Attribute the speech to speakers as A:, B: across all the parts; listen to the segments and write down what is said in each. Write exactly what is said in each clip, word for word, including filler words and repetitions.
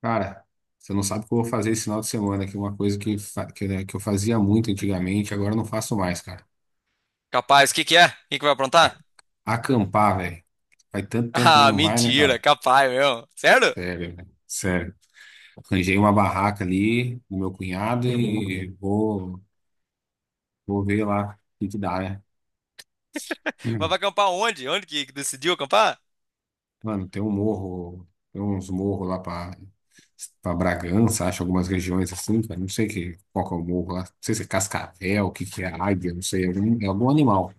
A: Cara, você não sabe o que eu vou fazer esse final de semana, que é uma coisa que, fa- que, né, que eu fazia muito antigamente, agora eu não faço mais, cara.
B: Capaz, o que que é? Quem que vai aprontar?
A: A- Acampar, velho. Faz tanto tempo, né?
B: Ah,
A: Não vai, né,
B: mentira,
A: cara?
B: capaz mesmo. Sério?
A: Sério, velho. Sério. Arranjei uma barraca ali com meu cunhado e vou, vou ver lá o que que dá, né?
B: Mas vai acampar onde? Onde que que decidiu acampar?
A: Mano, tem um morro, tem uns morros lá pra, pra Bragança, acho, algumas regiões assim, cara. Não sei que, qual que é o morro lá. Não sei se é Cascavel, o que que é Águia, não sei. É algum, é algum animal.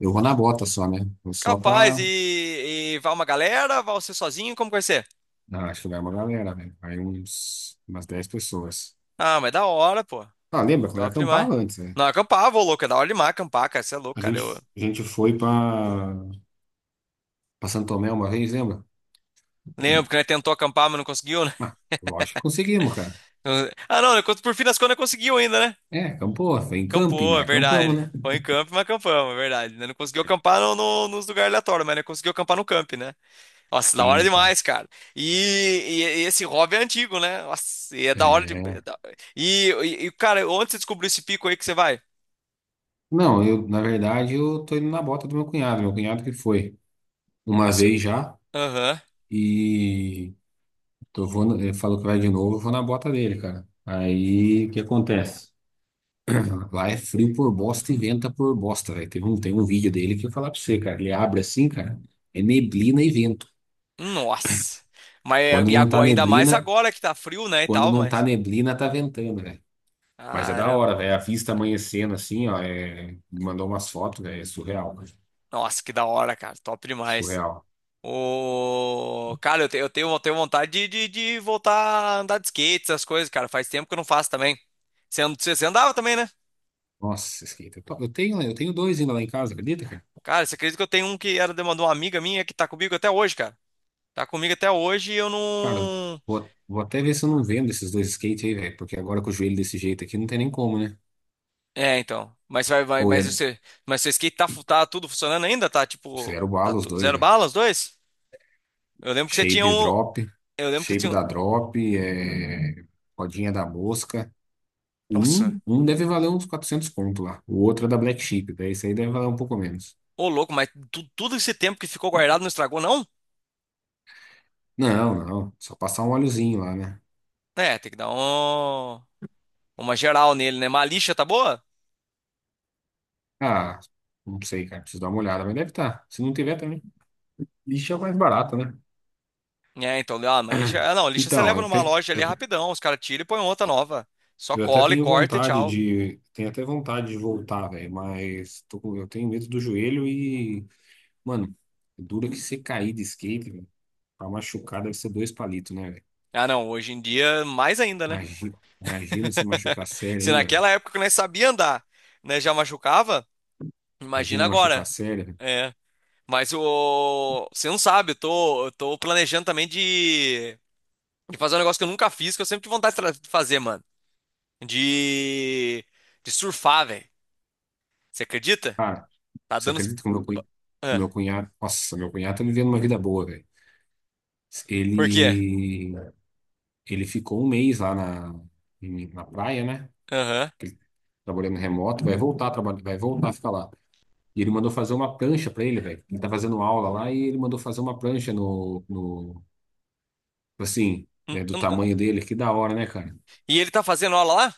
A: Eu vou na
B: E-
A: bota só, né? Vou só
B: Capaz,
A: pra.
B: e, e vai uma galera? Vai você sozinho? Como que vai ser?
A: Ah, acho que vai uma galera, velho. Vai uns, umas dez pessoas.
B: Ah, mas é da hora, pô.
A: Ah, lembra quando eu
B: Top demais.
A: acampava antes, né?
B: Não, acampar, vou louco, é da hora demais acampar, cara. Você é louco,
A: A
B: cara.
A: gente,
B: Eu
A: a gente foi pra, pra Santo Tomé uma vez, lembra? Hum.
B: lembro que né, tentou acampar, mas não conseguiu, né?
A: Ah, lógico que conseguimos, cara.
B: Ah, não, por fim das contas conseguiu ainda, né?
A: É, acampou, foi em camping,
B: Acampou,
A: mas
B: é
A: acampamos,
B: verdade.
A: né?
B: Foi em camp, mas acampamos, é verdade. né? Não conseguiu acampar no, no- nos lugares aleatórios, mas né, conseguiu acampar no camp, né? Nossa, da hora
A: Sim, cara.
B: demais, cara. E, e- e esse hobby é antigo, né? Nossa, e é da hora de. é
A: É.
B: da- E, e, e, cara, onde você descobriu esse pico aí que você vai?
A: Não, eu, na verdade, eu tô indo na bota do meu cunhado. Meu cunhado que foi uma
B: Assim.
A: vez já
B: Aham.
A: e tô, vou, na- ele falou que vai de novo, eu vou na bota dele, cara. Aí, o que acontece? Vai frio por bosta e venta por bosta, velho. Tem um, tem um vídeo dele que eu vou falar pra você, cara. Ele abre assim, cara. É neblina e vento.
B: Nossa. Mas
A: Quando
B: e
A: não tá
B: agora, ainda mais
A: neblina,
B: agora que tá frio, né? E
A: quando
B: tal,
A: não tá
B: mas.
A: neblina, tá ventando, velho. Mas é da
B: Caramba.
A: hora, velho. A vista amanhecendo assim, ó. é- Mandou umas fotos, velho. É surreal, cara.
B: Nossa, que da hora, cara. Top demais.
A: Surreal.
B: Ô, cara, eu, te- eu tenho, eu tenho vontade de, de, de voltar a andar de skate, essas coisas, cara. Faz tempo que eu não faço também. Você, and- você você andava também, né?
A: Nossa, skate. Eu to- eu tenho, eu tenho dois ainda lá em casa, acredita, cara?
B: Cara, você acredita que eu tenho um que era de uma, de uma, amiga minha que tá comigo até hoje, cara? Tá comigo até hoje e eu
A: Cara,
B: não.
A: vou, vou até ver se eu não vendo esses dois skates aí, velho. Porque agora com o joelho desse jeito aqui, não tem nem como, né?
B: É, então. Mas vai, vai,
A: Ou
B: mas
A: ia.
B: você, mas seu skate tá, fu- tá tudo funcionando ainda? Tá tipo,
A: Zero
B: tá
A: bala os
B: tu-
A: dois,
B: zero
A: velho.
B: bala os dois? Eu lembro que você tinha
A: Shape
B: um,
A: Drop,
B: eu lembro que você
A: Shape
B: tinha um...
A: da Drop, é, Rodinha da Mosca. Um,
B: Nossa,
A: um deve valer uns quatrocentos conto lá. O outro é da Black Sheep, daí esse aí deve valer um pouco menos.
B: ô louco, mas tu- tudo esse tempo que ficou guardado não estragou não?
A: Não, não, só passar um óleozinho lá, né?
B: É, tem que dar um... uma geral nele, né? Mas a lixa tá boa?
A: Ah, não sei, cara, preciso dar uma olhada, mas deve estar. Se não tiver também, lixo é o mais barato, né?
B: É, então, ah, mas lixa, ah, não, lixa você
A: Então,
B: leva
A: eu
B: numa
A: tenho,
B: loja ali
A: eu,
B: rapidão, os caras tiram e põem outra nova. Só
A: eu até
B: cola e
A: tenho
B: corta e
A: vontade
B: tchau.
A: de, tenho até vontade de voltar, velho, mas tô com- eu tenho medo do joelho e, mano, dura que você cair de skate, velho. Pra machucar deve ser dois palitos, né, velho?
B: Ah, não, hoje em dia mais ainda, né?
A: Imagina, imagina se machucar sério
B: Se
A: ainda, velho.
B: naquela época que nós sabia andar, né, já machucava, imagina
A: Imagina machucar
B: agora.
A: sério, velho.
B: É, mas o você não sabe, eu tô, eu tô planejando também de, de fazer um negócio que eu nunca fiz, que eu sempre tive vontade de tra- de fazer, mano. De de surfar, velho. Você acredita?
A: Cara,
B: Tá
A: você
B: dando
A: acredita que o meu, cunha-
B: ah,
A: meu cunhado. Nossa, meu cunhado tá vivendo uma vida boa, velho.
B: por quê?
A: Ele, ele ficou um mês lá na, em- na praia, né?
B: Aham.
A: Ele trabalhando remoto, vai voltar a trabalhar, vai voltar a ficar lá. E ele mandou fazer uma prancha pra ele, velho. Ele tá fazendo aula lá e ele mandou fazer uma prancha no, no assim,
B: Hum,
A: é, do
B: hum, hum.
A: tamanho dele. Que da hora, né, cara?
B: E ele tá fazendo aula lá?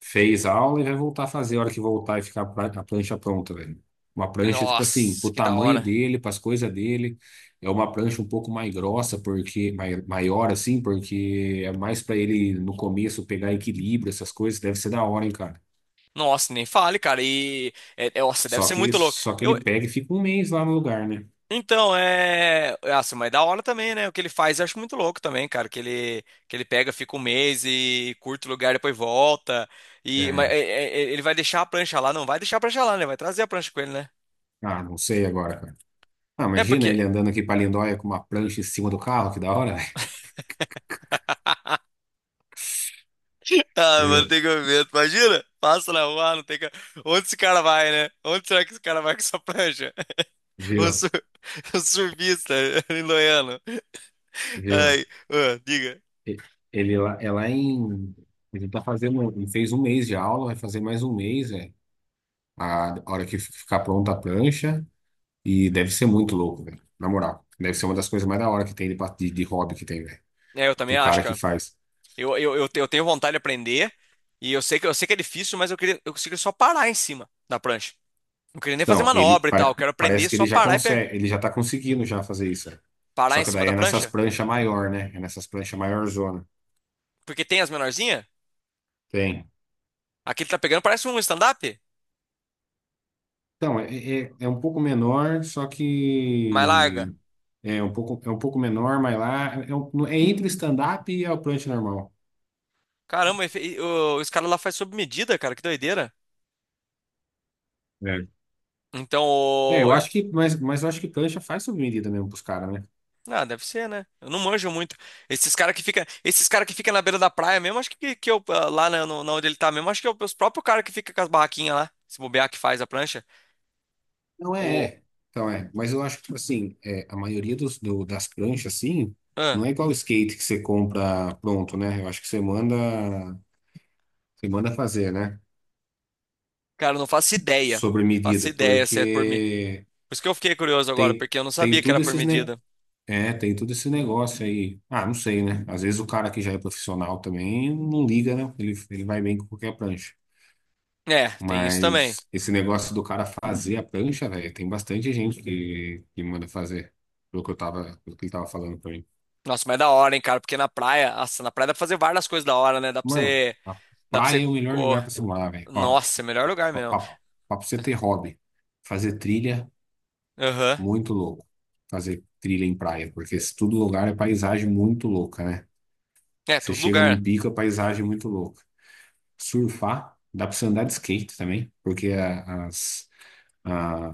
A: Fez a aula e vai voltar a fazer a hora que voltar e ficar a pra- a prancha pronta, velho. Uma prancha, tipo assim,
B: Nossa,
A: pro
B: que da
A: tamanho
B: hora.
A: dele, pras coisas dele. É uma prancha um pouco mais grossa, porque mai- maior, assim, porque é mais pra ele, no começo, pegar equilíbrio, essas coisas. Deve ser da hora, hein, cara.
B: Nossa, nem fale, cara. E é, é, nossa, deve
A: Só
B: ser
A: que,
B: muito louco.
A: só que ele pega e fica um mês lá no lugar, né?
B: Então, é. Nossa, mas é da hora também, né? O que ele faz eu acho muito louco também, cara. Que ele, que ele pega, fica um mês e curta o lugar, depois volta. E... Mas
A: É.
B: é, é, é, ele vai deixar a prancha lá? Não vai deixar a prancha lá, né? Vai trazer a prancha com ele, né?
A: Ah, não sei agora, cara. Ah,
B: É
A: imagina
B: porque.
A: ele andando aqui pra Lindóia com uma prancha em cima do carro, que da hora, velho.
B: Ah, mano,
A: Viu?
B: tem que ver. Imagina? Passa na rua, não tem que. Onde esse cara vai, né? Onde será que esse cara vai com essa prancha? O,
A: Viu?
B: sur... o surfista em Loiano.
A: Viu?
B: Ai, ah, diga.
A: E- Ele lá, é lá em. Ele tá fazendo. Ele fez um mês de aula, vai fazer mais um mês, é. A hora que ficar pronta a prancha. E deve ser muito louco, velho. Na moral. Deve ser uma das coisas mais da hora que tem de, pa- de, de hobby que tem, velho.
B: É, eu também
A: Do
B: acho,
A: cara que
B: cara.
A: faz.
B: Eu, eu, eu, te- eu tenho vontade de aprender e eu sei que eu sei que é difícil, mas eu queria eu consigo só parar em cima da prancha. Não queria nem fazer
A: Não, ele
B: manobra e tal, eu
A: pare-
B: quero aprender
A: parece que
B: só
A: ele já
B: parar e pe-
A: consegue, ele já tá conseguindo já fazer isso, velho.
B: parar
A: Só
B: em
A: que
B: cima
A: daí
B: da
A: é nessas
B: prancha,
A: pranchas maior, né? É nessas pranchas maior zona.
B: porque tem as menorzinhas.
A: Tem.
B: Aquele que tá pegando parece um stand-up,
A: Então, é, é, é um pouco menor, só
B: mas
A: que
B: larga.
A: É um pouco, é um pouco menor, mas lá é, um- é entre stand-up e a prancha normal.
B: Caramba, e fe- e o- os caras lá faz sob medida, cara, que doideira.
A: É.
B: Então,
A: É,
B: o-
A: eu
B: eu-
A: acho que, mas, mas eu acho que prancha faz sob medida mesmo pros caras, né?
B: ah, deve ser, né? Eu não manjo muito. Esses caras que fica, esses cara que fica na beira da praia mesmo, acho que que eu ah, lá na, no- na onde ele tá mesmo, acho que é os próprios caras que fica com as barraquinhas lá, se bobear que faz a prancha.
A: Não é,
B: O
A: é. Então é, mas eu acho que, tipo assim, é, a maioria dos, do- das pranchas, assim, não
B: ah.
A: é igual o skate que você compra pronto, né? Eu acho que você manda, você manda fazer, né?
B: Cara, eu não faço ideia.
A: Sobre
B: Faço
A: medida,
B: ideia se é por mim.
A: porque
B: Por isso que eu fiquei curioso agora,
A: tem,
B: porque eu não
A: tem
B: sabia que era
A: tudo
B: por
A: esses, né?
B: medida.
A: É, tem todo esse negócio aí. Ah, não sei, né? Às vezes o cara que já é profissional também não liga, né? Ele, ele vai bem com qualquer prancha.
B: É, tem isso também.
A: Mas esse negócio do cara fazer a prancha, velho, tem bastante gente que, que manda fazer, pelo que eu tava, pelo que ele tava falando pra mim.
B: Nossa, mas é da hora, hein, cara? Porque na praia, nossa, na praia dá pra fazer várias coisas da hora, né? Dá pra
A: Mano,
B: você.
A: a
B: Dá pra
A: praia
B: você.
A: é o melhor lugar
B: cor-
A: pra se morar, velho. Ó,
B: Nossa, é melhor lugar
A: pra,
B: mesmo.
A: pra, pra você ter hobby, fazer trilha,
B: Aham.
A: muito louco. Fazer trilha em praia, porque se todo lugar é paisagem muito louca, né?
B: É,
A: Você
B: todo
A: chega num
B: lugar.
A: pico, a paisagem é muito louca. Surfar, dá pra você andar de skate também, porque a- as, a-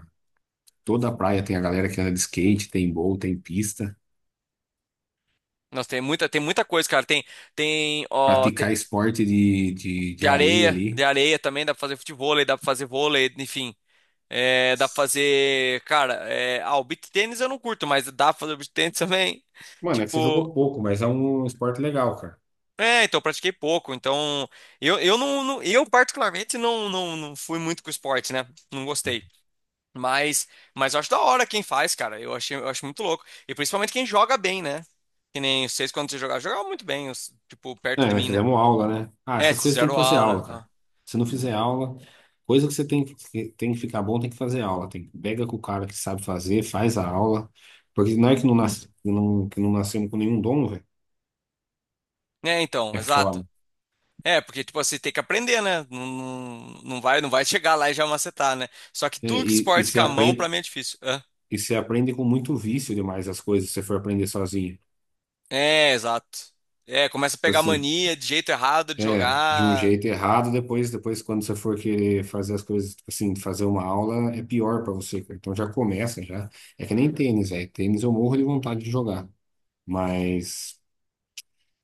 A: toda a praia tem a galera que anda de skate, tem bowl, tem pista.
B: Nossa, tem muita, tem muita coisa, cara. Tem, tem, ó, tem-
A: Praticar esporte de, de, de
B: de
A: areia
B: areia, de
A: ali.
B: areia também dá pra fazer futevôlei, dá pra fazer vôlei, enfim. É, dá pra fazer, cara, é, ah, o beach tênis eu não curto, mas dá pra fazer beach tênis também.
A: Mano, é que você
B: Tipo,
A: jogou pouco, mas é um esporte legal, cara.
B: é, então eu pratiquei pouco, então eu, eu não, não- eu particularmente não, não, não fui muito com esporte, né? Não gostei. Mas mas eu acho da hora quem faz, cara. Eu achei, eu acho muito louco. E principalmente quem joga bem, né? Que nem vocês quando vocês jogavam, jogavam muito bem, os- tipo, perto
A: É,
B: de
A: mas
B: mim, né?
A: fizemos aula, né? Ah,
B: É,
A: essas
B: vocês
A: coisas tem que
B: fizeram
A: fazer
B: aula,
A: aula, cara.
B: tá?
A: Se não fizer aula, coisa que você tem que, tem que ficar bom, tem que fazer aula. Tem, que- pega com o cara que sabe fazer, faz a aula. Porque não é que não, nasce, que não, que não nascemos com nenhum dom, velho.
B: É, então,
A: É foda.
B: exato. É, porque tipo você tem que aprender, né? Não, não, não vai, não vai chegar lá e já macetar, né? Só que
A: É,
B: tudo que
A: e, e
B: esporte com
A: você
B: a mão pra
A: aprende.
B: mim é difícil.
A: E você aprende com muito vício demais as coisas, se você for aprender sozinho.
B: É, exato. É, começa a
A: Tipo
B: pegar
A: assim,
B: mania de jeito errado de
A: é, de um
B: jogar.
A: jeito errado, depois, depois quando você for querer fazer as coisas, tipo assim, fazer uma aula, é pior pra você, cara. Então já começa, já. É que nem tênis, velho. Tênis eu morro de vontade de jogar, mas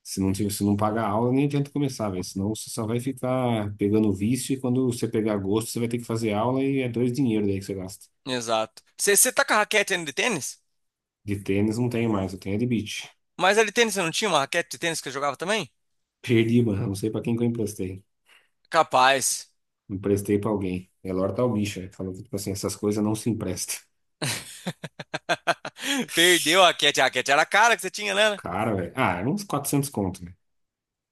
A: se não, tiver- se não pagar a aula, nem adianta começar, velho. Senão você só vai ficar pegando vício e quando você pegar gosto, você vai ter que fazer aula e é dois dinheiro daí que você gasta.
B: Exato. Você tá com a raquete ainda de tênis?
A: De tênis não tenho mais, eu tenho é de beach.
B: Mas a de tênis você não tinha uma raquete de tênis que você jogava também?
A: Perdi, mano, não sei pra quem que eu emprestei.
B: Capaz.
A: Emprestei pra alguém. Elor tá o bicho, ele falou que, tipo assim, essas coisas não se emprestam.
B: Perdeu a raquete. A raquete era a cara que você tinha, né?
A: Cara, velho. Ah, era uns quatrocentos conto, né?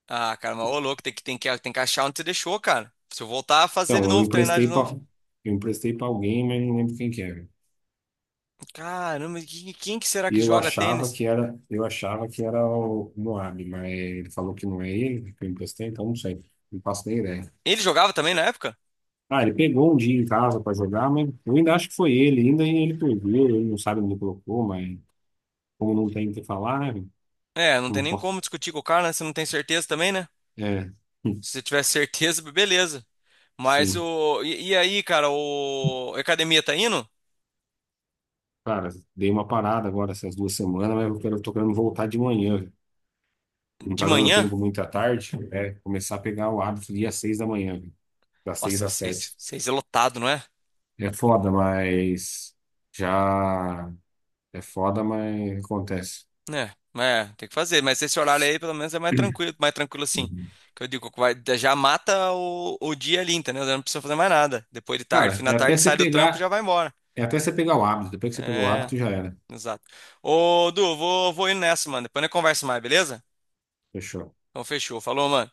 B: Ah, cara, mas ô louco, tem que, tem que, tem que achar onde você deixou, cara. Se eu voltar a fazer de
A: Então, eu
B: novo, treinar de
A: emprestei
B: novo.
A: pra, eu emprestei pra alguém, mas não lembro quem que era.
B: Caramba, que- quem que será
A: E
B: que
A: eu
B: joga
A: achava
B: tênis?
A: que era, eu achava que era o Moab, mas ele falou que não é ele que eu emprestei, então não sei. Não faço nem ideia.
B: Ele jogava também na época?
A: Ah, ele pegou um dia em casa pra jogar, mas eu ainda acho que foi ele, ainda ele perdeu, ele não sabe onde colocou, mas como não tem o que falar, né?
B: É, não
A: Não
B: tem nem
A: importa.
B: como discutir com o cara, né? Você não tem certeza também, né?
A: É,
B: Se você tiver certeza, beleza. Mas
A: sim.
B: o. E, e aí, cara, o. A academia tá indo?
A: Cara, dei uma parada agora essas duas semanas, mas eu quero, tô querendo voltar de manhã, viu? Não
B: De
A: tá dando
B: manhã?
A: tempo muito à tarde, é começar a pegar o hábito dia seis da manhã, viu? Das seis
B: Nossa,
A: às sete.
B: seis, seis é lotado, não é?
A: É foda, mas já É foda, mas acontece.
B: É, mas é, tem que fazer. Mas esse horário aí, pelo menos, é mais tranquilo, mais tranquilo assim.
A: Uhum.
B: Que eu digo, que vai, já mata o, o dia ali, entendeu? Já não precisa fazer mais nada. Depois de tarde,
A: Cara,
B: fim da
A: é até
B: tarde,
A: você
B: sai do trampo e já
A: pegar,
B: vai embora.
A: é até você pegar o hábito. Depois que você pegou o
B: É,
A: hábito, já era.
B: exato. Ô, Du, vou, vou indo nessa, mano. Depois a gente conversa mais, beleza?
A: Fechou.
B: Então fechou. Falou, mano.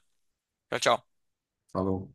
B: Tchau, tchau.
A: Falou.